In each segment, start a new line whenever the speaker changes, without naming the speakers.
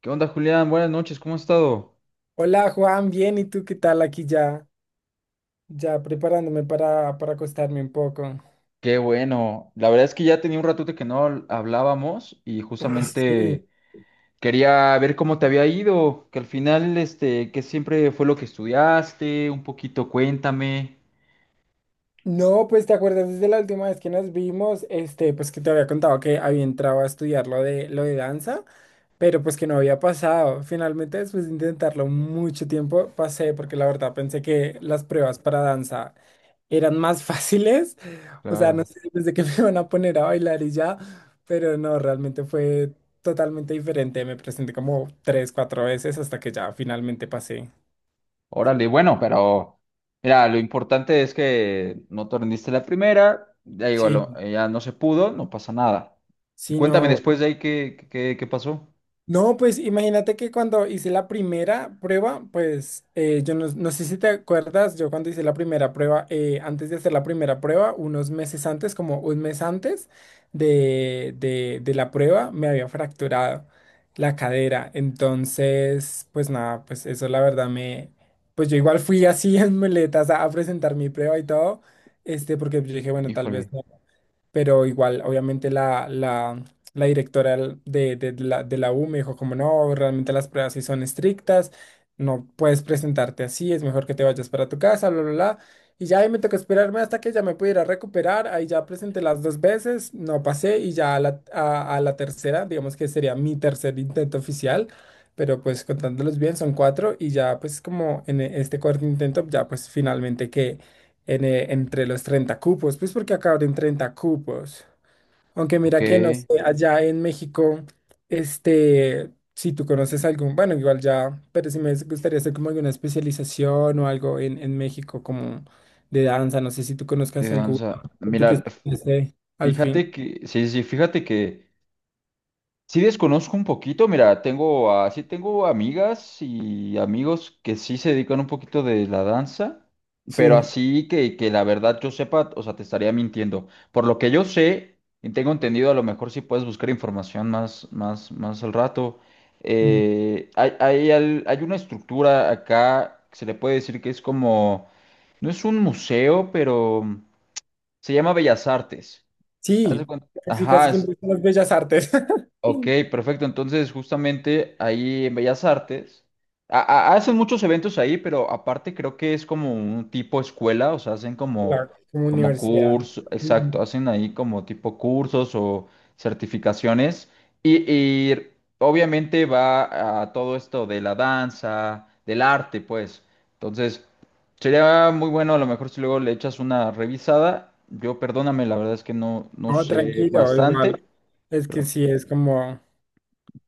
¿Qué onda, Julián? Buenas noches, ¿cómo has estado?
Hola Juan, bien, ¿y tú qué tal? Aquí ya preparándome para acostarme un poco.
Qué bueno. La verdad es que ya tenía un ratote que no hablábamos y
Uy, sí.
justamente quería ver cómo te había ido, que al final, este, que siempre fue lo que estudiaste, un poquito cuéntame.
No, pues te acuerdas desde la última vez que nos vimos, pues que te había contado que había entrado a estudiar lo de danza. Pero pues que no había pasado. Finalmente, después de intentarlo mucho tiempo, pasé porque la verdad pensé que las pruebas para danza eran más fáciles. O sea, no
Claro.
sé, pensé que me iban a poner a bailar y ya, pero no, realmente fue totalmente diferente. Me presenté como tres, cuatro veces hasta que ya finalmente pasé.
Órale, bueno, pero mira, lo importante es que no te rendiste la primera, ya digo,
Sí,
ya no se pudo, no pasa nada.
sí,
Cuéntame
no.
después de ahí qué pasó.
No, pues imagínate que cuando hice la primera prueba, pues yo no sé si te acuerdas, yo cuando hice la primera prueba, antes de hacer la primera prueba, unos meses antes, como un mes antes de la prueba, me había fracturado la cadera. Entonces, pues nada, pues eso la verdad me, pues yo igual fui así en muletas a presentar mi prueba y todo, porque yo dije, bueno, tal vez,
Híjole,
no, pero igual, obviamente la, la directora de la U me dijo como no, realmente las pruebas sí son estrictas, no puedes presentarte así, es mejor que te vayas para tu casa, bla, bla, bla. Y ya ahí me tocó esperarme hasta que ya me pudiera recuperar, ahí ya presenté las dos veces, no pasé y ya a la tercera, digamos que sería mi tercer intento oficial. Pero pues contándolos bien son cuatro y ya pues como en este cuarto intento ya pues finalmente entre los 30 cupos, pues porque acá abren 30 cupos. Aunque
ok,
mira que no sé,
de
allá en México, si tú conoces algún, bueno, igual ya, pero si me gustaría hacer como alguna especialización o algo en México como de danza, no sé si tú conozcas alguna,
danza.
o tú que
Mira,
estudiaste al fin.
Fíjate que sí desconozco un poquito, mira, tengo, sí tengo amigas y amigos que sí se dedican un poquito de la danza, pero
Sí,
así que la verdad yo sepa, o sea, te estaría mintiendo. Por lo que yo sé y tengo entendido, a lo mejor sí puedes buscar información más al rato.
mm,
Hay una estructura acá que se le puede decir que es como, no es un museo, pero se llama Bellas Artes.
sí, casi
Ajá,
casi siempre son las bellas artes,
ok, perfecto. Entonces, justamente ahí en Bellas Artes, a- hacen muchos eventos ahí, pero aparte creo que es como un tipo escuela, o sea, hacen como,
como
como
universidad.
curso,
Mm.
exacto, hacen ahí como tipo cursos o certificaciones. Y, y obviamente va a todo esto de la danza, del arte, pues. Entonces, sería muy bueno, a lo mejor si luego le echas una revisada. Yo, perdóname, la verdad es que no, no
No,
sé
tranquilo,
bastante.
igual, es que sí, es como,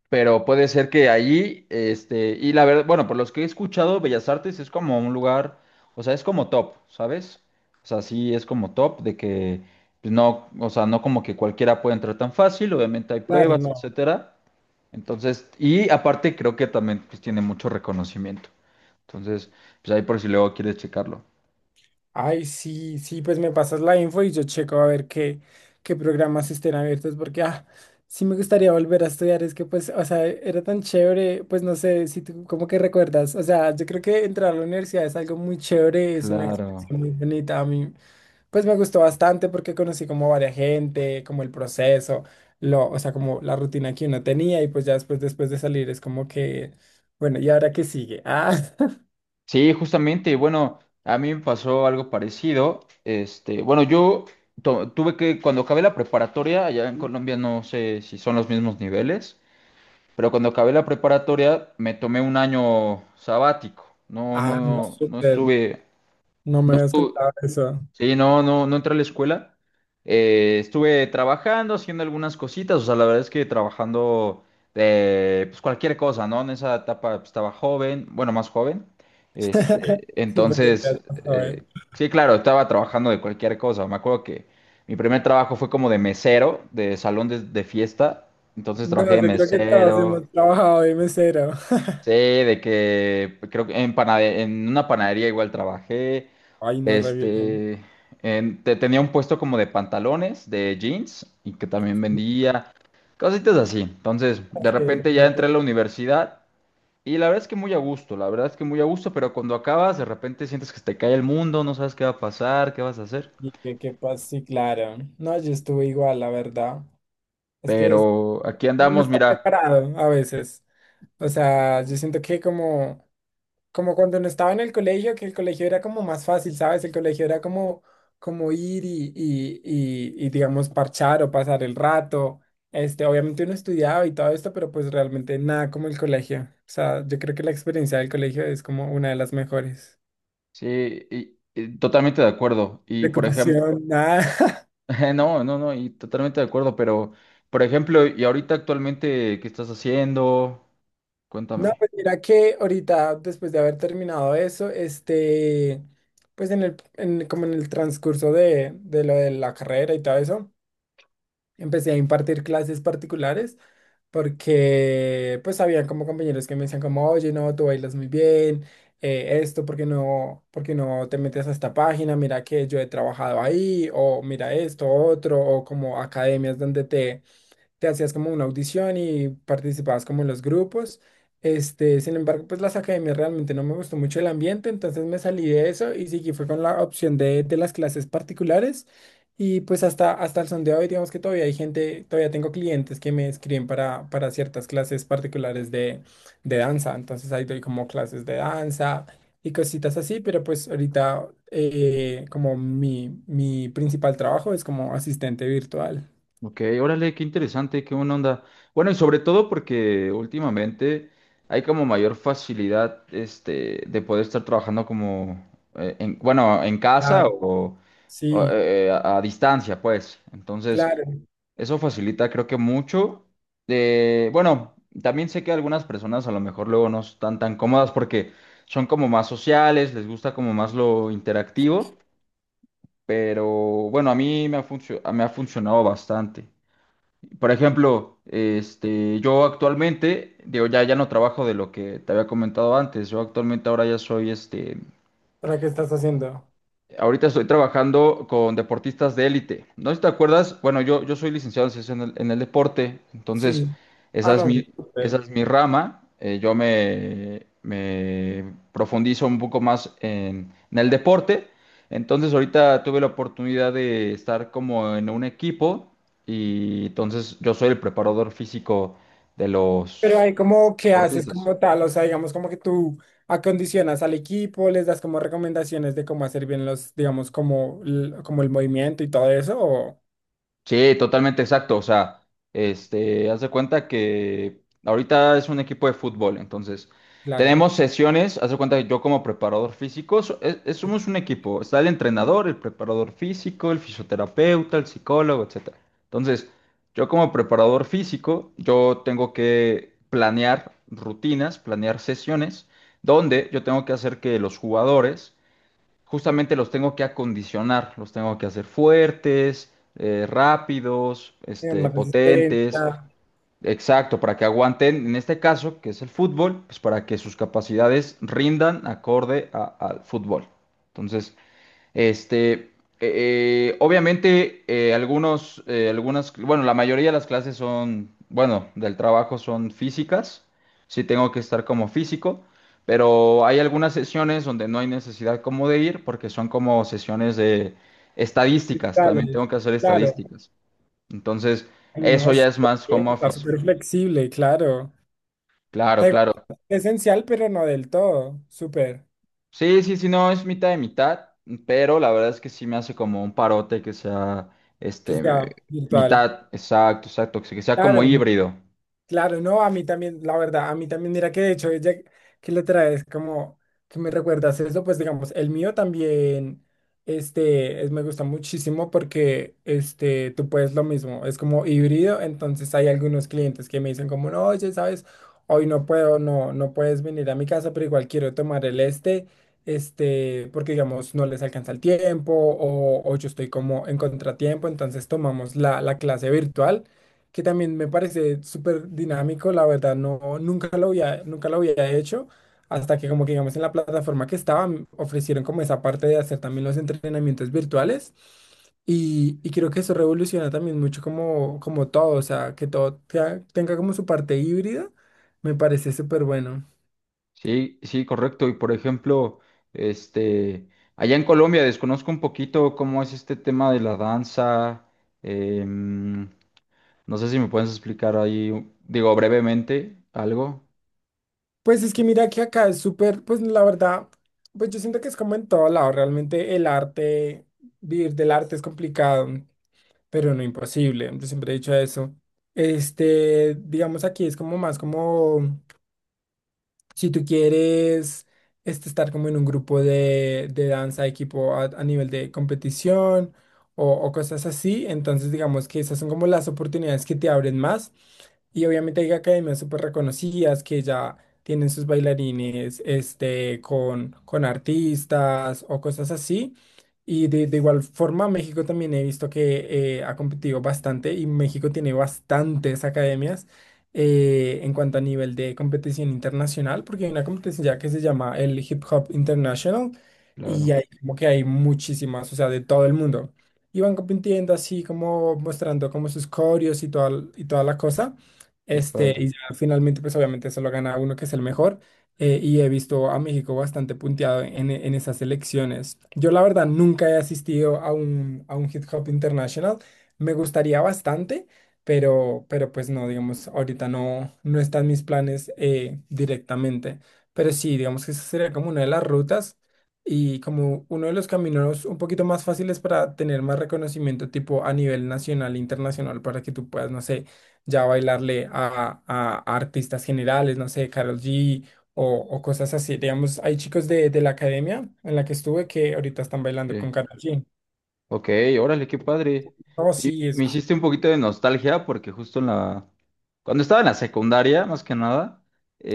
Pero puede ser que allí, este, y la verdad, bueno, por los que he escuchado, Bellas Artes es como un lugar, o sea, es como top, ¿sabes? O sea, sí es como top de que pues, no, o sea, no como que cualquiera puede entrar tan fácil, obviamente hay
claro,
pruebas,
no.
etcétera. Entonces, y aparte creo que también pues, tiene mucho reconocimiento. Entonces, pues ahí por si luego quieres checarlo.
Ay, sí, sí, pues me pasas la info y yo checo a ver qué programas estén abiertos, porque sí me gustaría volver a estudiar, es que pues, o sea, era tan chévere, pues no sé si tú como que recuerdas, o sea, yo creo que entrar a la universidad es algo muy chévere, es una
Claro.
experiencia muy bonita, a mí pues me gustó bastante porque conocí como varias gente, como el proceso, o sea, como la rutina que uno tenía y pues ya después de salir es como que, bueno, ¿y ahora qué sigue? Ah,
Sí, justamente, bueno, a mí me pasó algo parecido. Este, bueno, yo tuve que, cuando acabé la preparatoria, allá en Colombia no sé si son los mismos niveles, pero cuando acabé la preparatoria me tomé un año sabático.
ah, no,
No
súper,
estuve,
no me
no
habías
estuve.
contado eso.
Sí, no entré a la escuela. Estuve trabajando, haciendo algunas cositas. O sea, la verdad es que trabajando de pues cualquier cosa, ¿no? En esa etapa pues, estaba joven, bueno, más joven. Este,
Sí, porque te das,
entonces,
joder.
sí, claro, estaba trabajando de cualquier cosa. Me acuerdo que mi primer trabajo fue como de mesero, de salón de fiesta. Entonces
No,
trabajé de
yo creo que todos
mesero.
hemos trabajado de mesero.
Sí, de que pues, creo que en, en una panadería igual trabajé.
Ay, no, re bien.
Este, tenía un puesto como de pantalones, de jeans, y que también
Sí,
vendía cositas así. Entonces, de
es que
repente ya
me
entré a la universidad y la verdad es que muy a gusto, la verdad es que muy a gusto, pero cuando acabas, de repente sientes que se te cae el mundo, no sabes qué va a pasar, qué vas a hacer.
persigue, ¿qué pasa? Sí, claro. No, yo estuve igual, la verdad. Es que
Pero aquí
uno no
andamos,
está
mira,
preparado a veces. O sea, yo siento que como cuando no estaba en el colegio, que el colegio era como más fácil, ¿sabes? El colegio era como ir y, digamos, parchar o pasar el rato. Obviamente uno estudiaba y todo esto, pero pues realmente nada como el colegio. O sea, yo creo que la experiencia del colegio es como una de las mejores.
sí, y totalmente de acuerdo. Y por ejemplo,
Preocupación, nada.
No, y totalmente de acuerdo, pero, por ejemplo, y ahorita actualmente, ¿qué estás haciendo?
No,
Cuéntame.
pues mira que ahorita, después de haber terminado eso, pues como en el transcurso de lo de la carrera y todo eso. Empecé a impartir clases particulares porque pues había como compañeros que me decían como, oye, no, tú bailas muy bien, esto, ¿por qué no te metes a esta página? Mira que yo he trabajado ahí, o mira esto, otro, o como academias donde te hacías como una audición y participabas como en los grupos. Sin embargo, pues las academias realmente no me gustó mucho el ambiente, entonces me salí de eso y seguí fue con la opción de las clases particulares. Y pues hasta el son de hoy, digamos que todavía hay gente, todavía tengo clientes que me escriben para ciertas clases particulares de danza. Entonces ahí doy como clases de danza y cositas así, pero pues ahorita como mi principal trabajo es como asistente virtual.
Ok, órale, qué interesante, qué buena onda. Bueno, y sobre todo porque últimamente hay como mayor facilidad, este, de poder estar trabajando como, bueno, en casa
Claro.
o,
Sí.
a distancia, pues. Entonces,
Claro,
eso facilita, creo que mucho. Bueno, también sé que algunas personas a lo mejor luego no están tan cómodas porque son como más sociales, les gusta como más lo interactivo, pero bueno, a mí me ha funcionado bastante. Por ejemplo, este, yo actualmente, digo, ya no trabajo de lo que te había comentado antes, yo actualmente ahora ya soy este.
¿para qué estás haciendo?
Ahorita estoy trabajando con deportistas de élite. No sé si te acuerdas, bueno, yo soy licenciado en ciencias en el deporte, entonces
Sí. Ah,
esa es
no, pues,
mi, esa
súper.
es mi rama. Me profundizo un poco más en el deporte. Entonces ahorita tuve la oportunidad de estar como en un equipo y entonces yo soy el preparador físico de
Pero
los
hay como que haces
deportistas.
como tal, o sea, digamos como que tú acondicionas al equipo, les das como recomendaciones de cómo hacer bien los, digamos, como, como el movimiento y todo eso, o
Sí, totalmente exacto. O sea, este, haz de cuenta que ahorita es un equipo de fútbol, entonces
claro,
tenemos sesiones, haz de cuenta que yo como preparador físico, somos un equipo, está el entrenador, el preparador físico, el fisioterapeuta, el psicólogo, etcétera. Entonces, yo como preparador físico, yo tengo que planear rutinas, planear sesiones, donde yo tengo que hacer que los jugadores justamente los tengo que acondicionar, los tengo que hacer fuertes, rápidos,
digamos,
este,
más
potentes,
resistencia,
exacto, para que aguanten, en este caso, que es el fútbol, pues para que sus capacidades rindan acorde al fútbol. Entonces, este, obviamente, algunas, bueno, la mayoría de las clases son, bueno, del trabajo son físicas. Sí tengo que estar como físico, pero hay algunas sesiones donde no hay necesidad como de ir porque son como sesiones de estadísticas. También
cristales,
tengo que hacer
claro.
estadísticas. Entonces,
Ay,
eso
no,
ya es
súper
más
bien,
home
está
office.
súper flexible, claro. O
Claro,
sea, igual,
claro.
es esencial, pero no del todo, súper,
Sí, no, es mitad de mitad, pero la verdad es que sí me hace como un parote que sea,
que
este,
sea virtual.
mitad, exacto, exacto, que sea como
Claro,
híbrido.
claro, no, a mí también, la verdad, a mí también, mira que de hecho, ella que le traes como que me recuerdas eso, pues digamos, el mío también, me gusta muchísimo porque, tú puedes lo mismo, es como híbrido, entonces hay algunos clientes que me dicen como, no, oye, sabes, hoy no puedo, no, no puedes venir a mi casa, pero igual quiero tomar el porque digamos, no les alcanza el tiempo o, yo estoy como en contratiempo, entonces tomamos la clase virtual que también me parece súper dinámico, la verdad, no, nunca lo había hecho, hasta que como que digamos en la plataforma que estaba, ofrecieron como esa parte de hacer también los entrenamientos virtuales y creo que eso revoluciona también mucho como, todo, o sea, que todo tenga como su parte híbrida, me parece súper bueno.
Sí, sí, correcto. Y por ejemplo, este, allá en Colombia desconozco un poquito cómo es este tema de la danza. em, no sé si me puedes explicar ahí, digo, brevemente algo.
Pues es que mira que acá es súper, pues la verdad, pues yo siento que es como en todo lado, realmente el arte, vivir del arte es complicado, pero no imposible. Yo siempre he dicho eso. Digamos, aquí es como más como, si tú quieres estar como en un grupo de danza, equipo a nivel de competición o cosas así, entonces digamos que esas son como las oportunidades que te abren más. Y obviamente hay academias súper reconocidas que ya tienen sus bailarines con artistas o cosas así. Y de igual forma, México también he visto que ha competido bastante y México tiene bastantes academias en cuanto a nivel de competición internacional, porque hay una competición ya que se llama el Hip Hop International y
Claro,
hay como que hay muchísimas, o sea, de todo el mundo. Y van compitiendo así como mostrando como sus coreos y toda la cosa.
qué padre.
Y ya finalmente, pues obviamente se lo gana uno que es el mejor. Y he visto a México bastante punteado en esas elecciones. Yo la verdad nunca he asistido a un Hip Hop International. Me gustaría bastante, pero pues no, digamos, ahorita no están mis planes directamente, pero sí, digamos que esa sería como una de las rutas y como uno de los caminos un poquito más fáciles para tener más reconocimiento tipo a nivel nacional e internacional para que tú puedas, no sé, ya bailarle a, a artistas generales, no sé, Karol G. O cosas así, digamos, hay chicos de la academia en la que estuve que ahorita están bailando con
Sí.
Karol G.
Ok, órale, qué padre.
Oh, sí,
Y me hiciste un poquito de nostalgia porque justo en la... Cuando estaba en la secundaria, más que nada,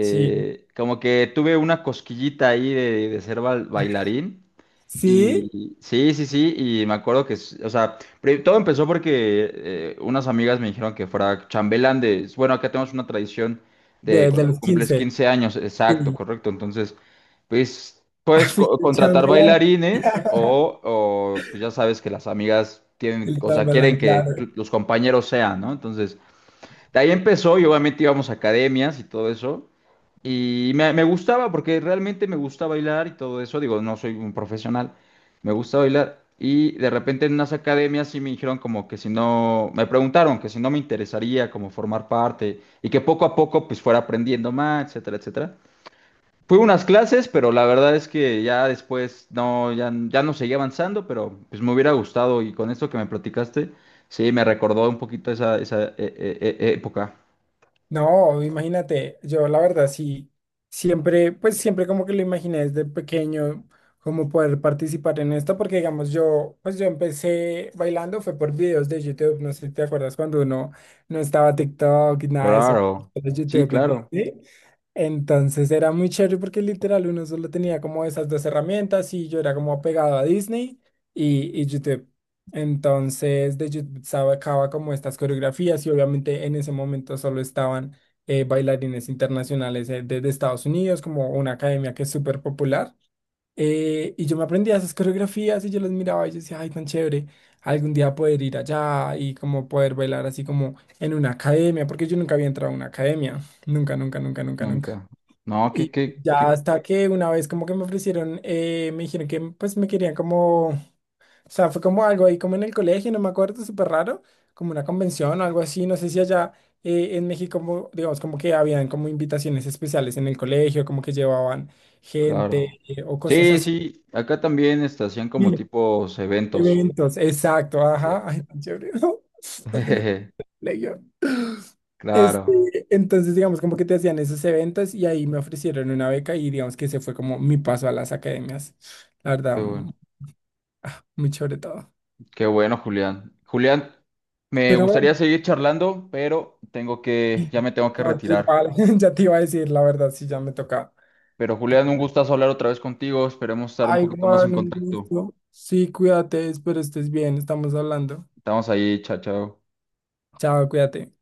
sí,
como que tuve una cosquillita ahí de ser bailarín.
sí,
Y sí, sí, sí, y me acuerdo que, o sea, todo empezó porque unas amigas me dijeron que fuera chambelán de, bueno, acá tenemos una tradición de
desde
cuando
los
cumples
15.
15 años, exacto, correcto, entonces, pues,
Ah,
puedes
fuiste el
contratar
chambelán.
bailarines o, pues ya sabes que las amigas tienen,
El
o sea,
chambelán,
quieren que
claro.
los compañeros sean, ¿no? Entonces, de ahí empezó y obviamente íbamos a academias y todo eso. Y me gustaba porque realmente me gusta bailar y todo eso. Digo, no soy un profesional, me gusta bailar. Y de repente en unas academias sí me dijeron como que si no, me preguntaron que si no me interesaría como formar parte y que poco a poco pues fuera aprendiendo más, etcétera, etcétera. Fui a unas clases, pero la verdad es que ya después no, ya no seguí avanzando, pero pues me hubiera gustado y con esto que me platicaste, sí, me recordó un poquito esa, esa época.
No, imagínate, yo la verdad sí, siempre, pues siempre como que lo imaginé desde pequeño, como poder participar en esto, porque digamos yo, pues yo empecé bailando, fue por videos de YouTube, no sé si te acuerdas cuando uno no estaba TikTok, y nada de eso,
Claro,
solo
sí,
YouTube y
claro,
Disney. Entonces era muy chévere porque literal uno solo tenía como esas dos herramientas y yo era como pegado a Disney y YouTube. Entonces, de YouTube sacaba como estas coreografías y obviamente en ese momento solo estaban bailarines internacionales de Estados Unidos, como una academia que es súper popular. Y yo me aprendía esas coreografías y yo las miraba y yo decía, ay, tan chévere, algún día poder ir allá y como poder bailar así como en una academia, porque yo nunca había entrado a una academia, nunca, nunca, nunca, nunca, nunca.
nunca. No,
Y ya
que,
hasta que una vez como que me ofrecieron, me dijeron que pues me querían como. O sea, fue como algo ahí como en el colegio, no me acuerdo, súper raro, como una convención o algo así, no sé si allá en México, como, digamos, como que habían como invitaciones especiales en el colegio, como que llevaban
claro.
gente o cosas
Sí,
así,
sí, acá también este, hacían como
sí,
tipos eventos.
eventos, exacto,
Sí.
ajá, ay, tan chévere, ¿no? porque no es colegio. Este,
Claro,
entonces, digamos, como que te hacían esos eventos y ahí me ofrecieron una beca y digamos que ese fue como mi paso a las academias, la
qué
verdad,
bueno,
muy chévere todo.
qué bueno, Julián. Julián, me
Pero
gustaría
bueno.
seguir charlando, pero tengo que, ya me tengo que
No, sí,
retirar.
vale, ya te iba a decir, la verdad, sí, ya me toca.
Pero Julián, un gustazo hablar otra vez contigo. Esperemos estar un
Ay,
poquito más en
Juan, un
contacto.
gusto. Sí, cuídate, espero estés bien, estamos hablando.
Estamos ahí, chao, chao.
Chao, cuídate.